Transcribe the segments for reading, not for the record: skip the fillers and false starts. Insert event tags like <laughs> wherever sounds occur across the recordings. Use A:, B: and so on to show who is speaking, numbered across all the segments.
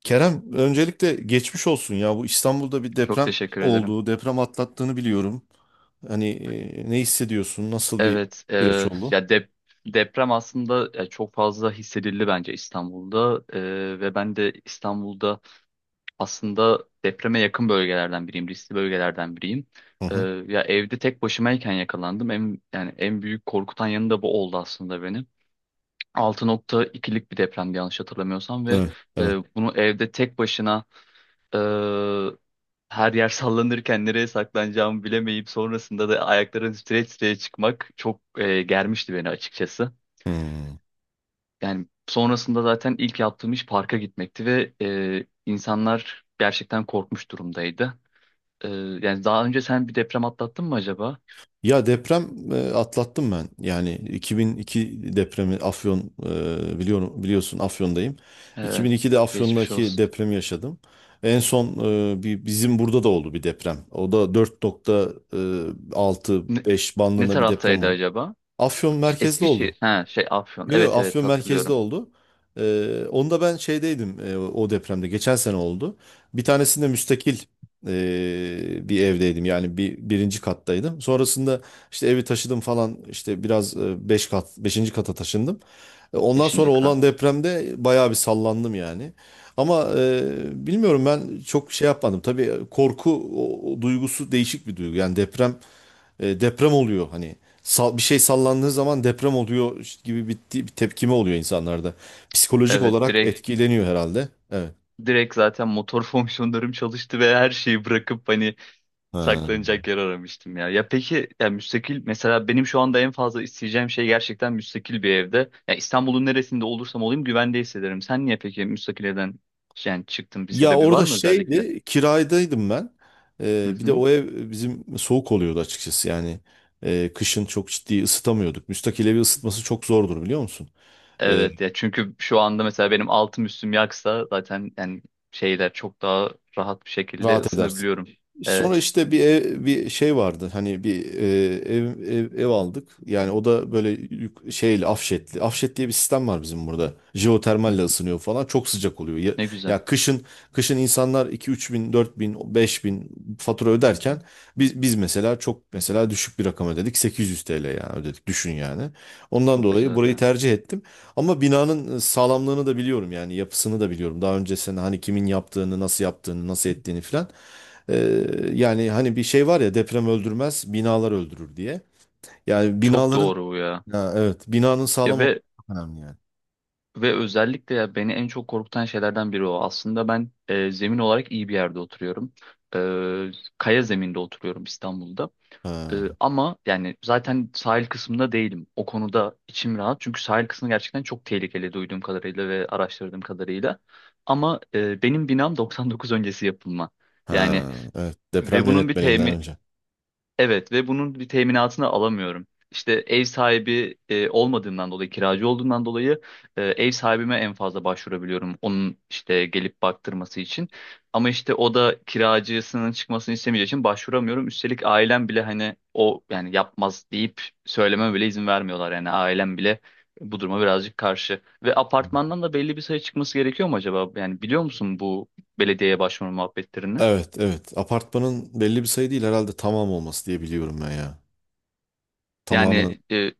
A: Kerem, öncelikle geçmiş olsun ya. Bu İstanbul'da bir
B: Çok
A: deprem
B: teşekkür ederim.
A: olduğu, deprem atlattığını biliyorum. Hani ne hissediyorsun? Nasıl bir
B: Evet, e,
A: süreç oldu?
B: ya dep deprem aslında çok fazla hissedildi bence İstanbul'da. Ve ben de İstanbul'da aslında depreme yakın bölgelerden biriyim, riskli bölgelerden biriyim.
A: Hı
B: E,
A: hı.
B: Ya evde tek başımayken yakalandım. Yani en büyük korkutan yanı da bu oldu aslında benim. 6.2'lik bir depremdi yanlış hatırlamıyorsam, ve
A: Evet,
B: e,
A: evet.
B: bunu evde tek başına, e, her yer sallanırken nereye saklanacağımı bilemeyip sonrasında da ayakların streç streç çıkmak çok germişti beni açıkçası.
A: Hmm.
B: Yani sonrasında zaten ilk yaptığım iş parka gitmekti ve insanlar gerçekten korkmuş durumdaydı. E, Yani daha önce sen bir deprem atlattın mı acaba?
A: Ya deprem atlattım ben. Yani 2002 depremi Afyon biliyorum biliyorsun Afyon'dayım.
B: E,
A: 2002'de
B: Geçmiş
A: Afyon'daki
B: olsun.
A: depremi yaşadım. En son bir bizim burada da oldu bir deprem. O da
B: Ne,
A: 4,6-5
B: ne
A: bandında bir deprem
B: taraftaydı
A: oldu.
B: acaba?
A: Afyon merkezli oldu.
B: Eskişehir. Ha, şey Afyon.
A: Yo, yo,
B: Evet, evet,
A: Afyon merkezde
B: hatırlıyorum.
A: oldu. Onu ben şeydeydim o depremde. Geçen sene oldu. Bir tanesinde müstakil bir evdeydim. Yani bir birinci kattaydım. Sonrasında işte evi taşıdım falan. İşte biraz beşinci kata taşındım. Ondan sonra
B: Beşinci
A: olan
B: kat.
A: depremde bayağı bir sallandım yani. Ama bilmiyorum ben çok şey yapmadım. Tabii korku o duygusu değişik bir duygu. Yani deprem oluyor hani bir şey sallandığı zaman deprem oluyor işte gibi bir tepkime oluyor insanlarda. Psikolojik
B: Evet,
A: olarak
B: direkt
A: etkileniyor herhalde. Evet.
B: direkt zaten motor <laughs> fonksiyonlarım çalıştı ve her şeyi bırakıp hani
A: Ha.
B: saklanacak yer aramıştım ya. Ya peki ya müstakil, mesela benim şu anda en fazla isteyeceğim şey gerçekten müstakil bir evde. Ya İstanbul'un neresinde olursam olayım güvende hissederim. Sen niye peki müstakil evden yani çıktın, bir
A: Ya
B: sebebi var
A: orada
B: mı özellikle?
A: şeydi kiraydaydım ben.
B: Hı
A: Bir de
B: hı.
A: o ev bizim soğuk oluyordu açıkçası yani. Kışın çok ciddi ısıtamıyorduk. Müstakil evi ısıtması çok zordur biliyor musun? Ee,
B: Evet ya, çünkü şu anda mesela benim altım üstüm yaksa zaten yani şeyler çok daha rahat bir şekilde
A: rahat edersin.
B: ısınabiliyorum.
A: Sonra
B: Evet.
A: işte bir ev, bir şey vardı. Hani bir e, ev, ev ev aldık. Yani o da böyle şeyle afşetli. Afşet diye bir sistem var bizim burada.
B: Hı.
A: Jeotermalle ısınıyor falan. Çok sıcak oluyor. Ya,
B: Ne güzel.
A: ya kışın kışın insanlar 2-3 bin, 4 bin, 5 bin fatura öderken biz mesela çok mesela düşük bir rakam ödedik. 800 TL yani ödedik. Düşün yani. Ondan
B: Çok
A: dolayı
B: güzel
A: burayı
B: ya.
A: tercih ettim. Ama binanın sağlamlığını da biliyorum yani yapısını da biliyorum. Daha önce sen hani kimin yaptığını, nasıl yaptığını, nasıl ettiğini filan. Ee, yani hani bir şey var ya deprem öldürmez, binalar öldürür diye. Yani
B: Çok doğru bu ya.
A: ha, evet binanın
B: Ya
A: sağlam olması
B: ve
A: çok önemli yani.
B: ve özellikle ya beni en çok korkutan şeylerden biri o. Aslında ben zemin olarak iyi bir yerde oturuyorum. E, Kaya zeminde oturuyorum İstanbul'da.
A: Ha,
B: Ama yani zaten sahil kısmında değilim. O konuda içim rahat. Çünkü sahil kısmı gerçekten çok tehlikeli duyduğum kadarıyla ve araştırdığım kadarıyla. Ama benim binam <laughs> 99 öncesi yapılma.
A: ha,
B: Yani
A: evet deprem
B: ve bunun bir
A: yönetmeliğinden
B: temi,
A: önce.
B: Evet, ve bunun bir teminatını alamıyorum. İşte ev sahibi olmadığımdan dolayı, kiracı olduğumdan dolayı, ev sahibime en fazla başvurabiliyorum. Onun işte gelip baktırması için. Ama işte o da kiracısının çıkmasını istemeyeceği için başvuramıyorum. Üstelik ailem bile hani o yani yapmaz deyip söyleme bile izin vermiyorlar. Yani ailem bile bu duruma birazcık karşı. Ve apartmandan da belli bir sayı çıkması gerekiyor mu acaba? Yani biliyor musun bu belediyeye başvurma muhabbetlerini?
A: Evet evet apartmanın belli bir sayı değil herhalde tamam olması diye biliyorum ben ya. Tamamının.
B: Yani
A: Yani
B: e,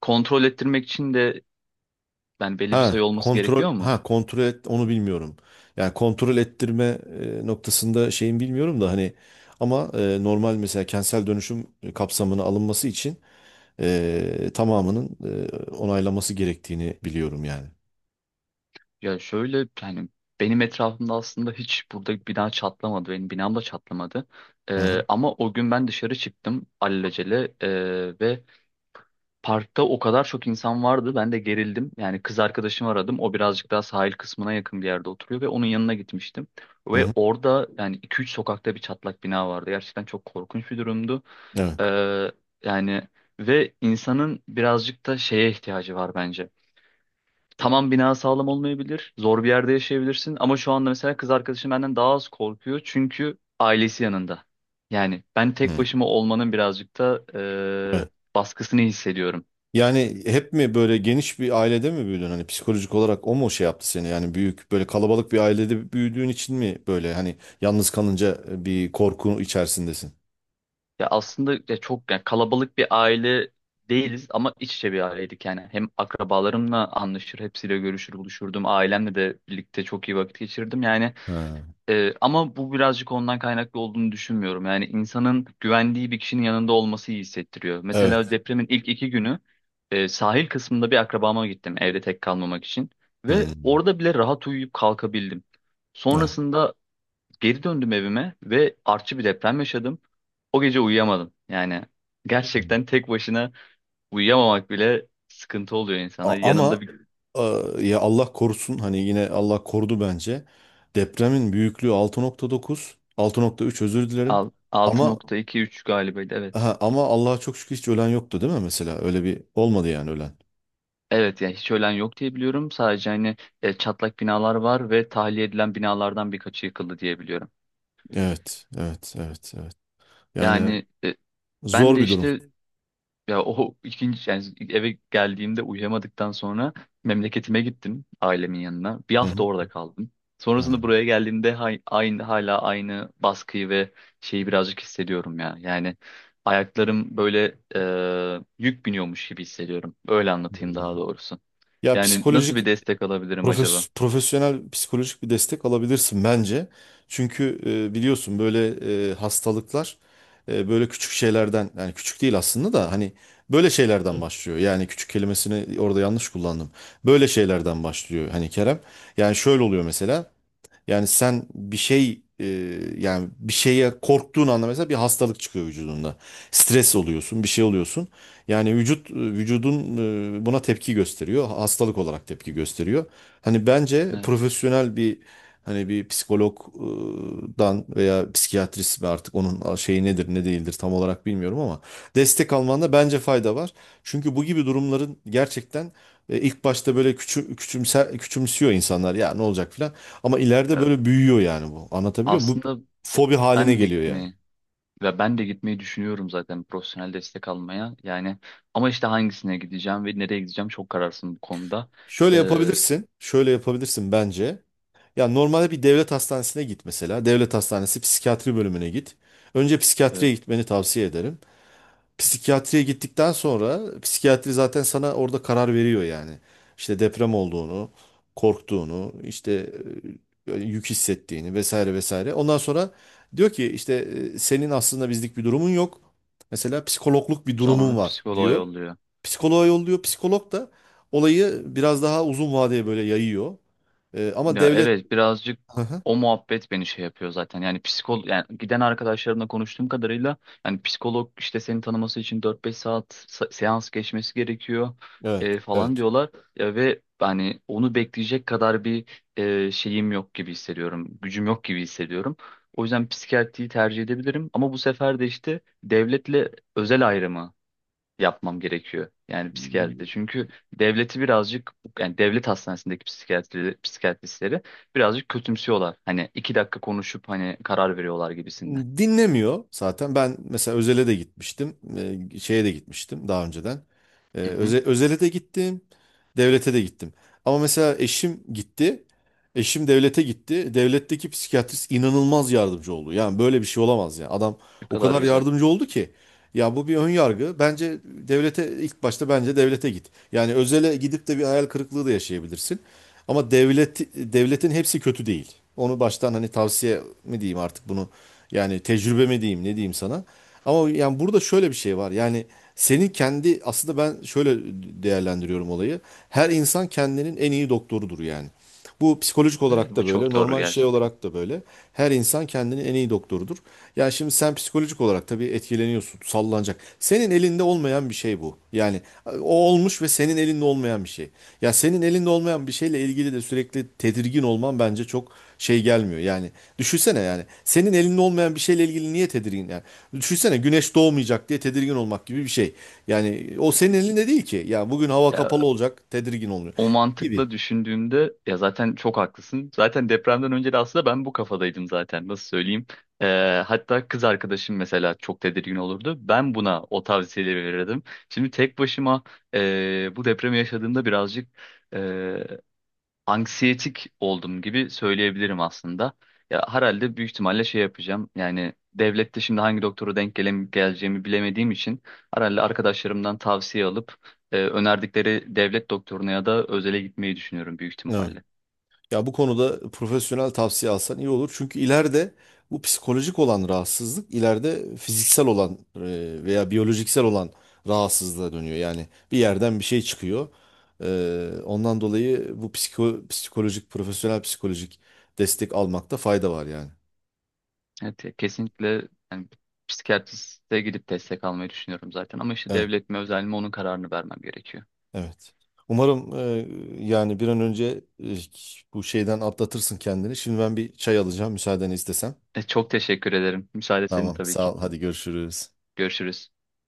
B: Kontrol ettirmek için de yani belli bir sayı olması gerekiyor mu?
A: Kontrol et onu bilmiyorum. Yani kontrol ettirme noktasında şeyin bilmiyorum da hani ama normal mesela kentsel dönüşüm kapsamına alınması için tamamının onaylaması gerektiğini biliyorum yani.
B: Ya şöyle yani, benim etrafımda aslında hiç burada bina çatlamadı. Benim binam da çatlamadı.
A: Hı hı.
B: Ama o gün ben dışarı çıktım alelacele, ve parkta o kadar çok insan vardı. Ben de gerildim. Yani kız arkadaşımı aradım. O birazcık daha sahil kısmına yakın bir yerde oturuyor ve onun yanına gitmiştim.
A: Hı
B: Ve
A: hı.
B: orada yani iki üç sokakta bir çatlak bina vardı. Gerçekten çok korkunç bir durumdu.
A: Evet.
B: Ee, yani ve insanın birazcık da şeye ihtiyacı var bence. Tamam, bina sağlam olmayabilir. Zor bir yerde yaşayabilirsin. Ama şu anda mesela kız arkadaşım benden daha az korkuyor. Çünkü ailesi yanında. Yani ben
A: Hı.
B: tek başıma olmanın birazcık da
A: Evet.
B: baskısını hissediyorum.
A: Yani hep mi böyle geniş bir ailede mi büyüdün? Hani psikolojik olarak o mu şey yaptı seni? Yani büyük böyle kalabalık bir ailede büyüdüğün için mi böyle hani yalnız kalınca bir korku içerisindesin?
B: Ya aslında ya çok yani kalabalık bir aile değiliz, ama iç içe bir aileydik yani. Hem akrabalarımla anlaşır, hepsiyle görüşür, buluşurdum. Ailemle de birlikte çok iyi vakit geçirdim. Yani
A: Ha.
B: Ama bu birazcık ondan kaynaklı olduğunu düşünmüyorum. Yani insanın güvendiği bir kişinin yanında olması iyi hissettiriyor. Mesela
A: Evet.
B: depremin ilk iki günü sahil kısmında bir akrabama gittim evde tek kalmamak için. Ve
A: Hı.
B: orada bile rahat uyuyup kalkabildim.
A: Evet.
B: Sonrasında geri döndüm evime ve artçı bir deprem yaşadım. O gece uyuyamadım. Yani gerçekten tek başına uyuyamamak bile sıkıntı oluyor insana. Yanında
A: Ama
B: bir
A: e, ya Allah korusun hani yine Allah korudu bence. Depremin büyüklüğü altı nokta dokuz 6,3 özür dilerim.
B: altı
A: Ama
B: nokta iki üç galiba, evet.
A: Aha, ama Allah'a çok şükür hiç ölen yoktu değil mi mesela? Öyle bir olmadı yani ölen.
B: Evet yani hiç ölen yok diye biliyorum. Sadece hani çatlak binalar var ve tahliye edilen binalardan birkaçı yıkıldı diye biliyorum.
A: Evet, evet, evet, evet. Yani
B: Yani e, Ben
A: zor
B: de
A: bir durum.
B: işte, ya o <laughs> ikinci yani eve geldiğimde uyuyamadıktan sonra memleketime gittim ailemin yanına. Bir
A: Hı
B: hafta
A: hı.
B: orada kaldım.
A: Ha.
B: Sonrasında buraya geldiğimde hay- aynı hala aynı baskıyı ve şeyi birazcık hissediyorum ya. Yani ayaklarım böyle yük biniyormuş gibi hissediyorum. Öyle anlatayım daha doğrusu.
A: Ya
B: Yani nasıl bir
A: psikolojik
B: destek alabilirim acaba?
A: profesyonel psikolojik bir destek alabilirsin bence. Çünkü biliyorsun böyle hastalıklar böyle küçük şeylerden yani küçük değil aslında da hani böyle şeylerden başlıyor. Yani küçük kelimesini orada yanlış kullandım. Böyle şeylerden başlıyor hani Kerem. Yani şöyle oluyor mesela. Yani sen yani bir şeye korktuğun anda mesela bir hastalık çıkıyor vücudunda. Stres oluyorsun, bir şey oluyorsun. Yani vücudun buna tepki gösteriyor. Hastalık olarak tepki gösteriyor. Hani bence
B: Evet.
A: profesyonel bir hani bir psikologdan veya psikiyatrist ve artık onun şeyi nedir ne değildir tam olarak bilmiyorum ama destek almanda bence fayda var. Çünkü bu gibi durumların gerçekten ilk başta böyle küçümsüyor insanlar ya ne olacak filan. Ama ileride böyle büyüyor yani bu. Anlatabiliyor muyum? Bu
B: Aslında e,
A: fobi haline
B: ben de
A: geliyor yani.
B: gitmeyi ben de gitmeyi düşünüyorum zaten profesyonel destek almaya. Yani ama işte hangisine gideceğim ve nereye gideceğim çok kararsın bu konuda.
A: Şöyle
B: Ee,
A: yapabilirsin. Şöyle yapabilirsin bence. Ya normalde bir devlet hastanesine git mesela. Devlet hastanesi psikiyatri bölümüne git. Önce psikiyatriye
B: evet.
A: gitmeni tavsiye ederim. Psikiyatriye gittikten sonra psikiyatri zaten sana orada karar veriyor yani. İşte deprem olduğunu, korktuğunu, işte yük hissettiğini vesaire vesaire. Ondan sonra diyor ki işte senin aslında bizlik bir durumun yok. Mesela psikologluk bir durumun
B: Sonra
A: var
B: psikoloğa
A: diyor.
B: yolluyor.
A: Psikoloğa yolluyor. Psikolog da olayı biraz daha uzun vadeye böyle yayıyor. Ama
B: Ya
A: devlet...
B: evet, birazcık
A: Hı hı.
B: o muhabbet beni şey yapıyor zaten. Yani psikolog, yani giden arkadaşlarımla konuştuğum kadarıyla yani psikolog işte seni tanıması için dört beş saat sa- seans geçmesi gerekiyor
A: Evet,
B: falan
A: evet.
B: diyorlar. Ya, ve hani onu bekleyecek kadar bir şeyim yok gibi hissediyorum. Gücüm yok gibi hissediyorum. O yüzden psikiyatriyi tercih edebilirim, ama bu sefer de işte devletle özel ayrımı yapmam gerekiyor. Yani psikiyatride. Çünkü devleti birazcık, yani devlet hastanesindeki psikiyatristleri birazcık kötümsüyorlar. Hani iki dakika konuşup hani karar veriyorlar gibisinden.
A: Dinlemiyor zaten. Ben mesela Özel'e de gitmiştim. Şeye de gitmiştim daha önceden.
B: Hı hı.
A: Özel'e de gittim. Devlete de gittim. Ama mesela eşim gitti. Eşim devlete gitti. Devletteki psikiyatrist inanılmaz yardımcı oldu. Yani böyle bir şey olamaz ya. Adam
B: Ne
A: o
B: kadar
A: kadar
B: güzel.
A: yardımcı oldu ki. Ya bu bir ön yargı. Bence devlete ilk başta bence devlete git. Yani özele gidip de bir hayal kırıklığı da yaşayabilirsin. Ama devletin hepsi kötü değil. Onu baştan hani tavsiye mi diyeyim artık bunu yani tecrübe mi diyeyim ne diyeyim sana. Ama yani burada şöyle bir şey var. Yani senin kendi aslında ben şöyle değerlendiriyorum olayı. Her insan kendinin en iyi doktorudur yani. Bu psikolojik
B: Evet,
A: olarak
B: bu
A: da
B: çok
A: böyle,
B: doğru
A: normal şey
B: gerçekten.
A: olarak da böyle. Her insan kendini en iyi doktorudur. Yani şimdi sen psikolojik olarak tabii etkileniyorsun, sallanacak. Senin elinde olmayan bir şey bu. Yani o olmuş ve senin elinde olmayan bir şey. Ya senin elinde olmayan bir şeyle ilgili de sürekli tedirgin olman bence çok şey gelmiyor. Yani düşünsene yani senin elinde olmayan bir şeyle ilgili niye tedirgin yani? Düşünsene güneş doğmayacak diye tedirgin olmak gibi bir şey. Yani o senin elinde değil ki. Ya bugün hava kapalı
B: Ya
A: olacak, tedirgin oluyor
B: O
A: gibi.
B: mantıkla düşündüğümde ya zaten çok haklısın. Zaten depremden önce de aslında ben bu kafadaydım zaten. Nasıl söyleyeyim? Hatta kız arkadaşım mesela çok tedirgin olurdu. Ben buna o tavsiyeleri verirdim. Şimdi tek başıma, bu depremi yaşadığımda birazcık anksiyetik oldum gibi söyleyebilirim aslında. Ya herhalde büyük ihtimalle şey yapacağım. Yani devlette şimdi hangi doktora denk gelem geleceğimi bilemediğim için herhalde arkadaşlarımdan tavsiye alıp önerdikleri devlet doktoruna ya da özele gitmeyi düşünüyorum büyük
A: Evet.
B: ihtimalle.
A: Ya bu konuda profesyonel tavsiye alsan iyi olur. Çünkü ileride bu psikolojik olan rahatsızlık ileride fiziksel olan veya biyolojiksel olan rahatsızlığa dönüyor. Yani bir yerden bir şey çıkıyor. Ondan dolayı bu profesyonel psikolojik destek almakta fayda var yani.
B: Evet, ya kesinlikle yani psikiyatriste gidip destek almayı düşünüyorum zaten, ama işte
A: Evet,
B: devlet mi özel mi onun kararını vermem gerekiyor.
A: evet. Umarım yani bir an önce bu şeyden atlatırsın kendini. Şimdi ben bir çay alacağım müsaadeni istesem.
B: Çok teşekkür ederim. Müsaade senin
A: Tamam,
B: tabii ki.
A: sağ ol. Hadi görüşürüz.
B: Görüşürüz.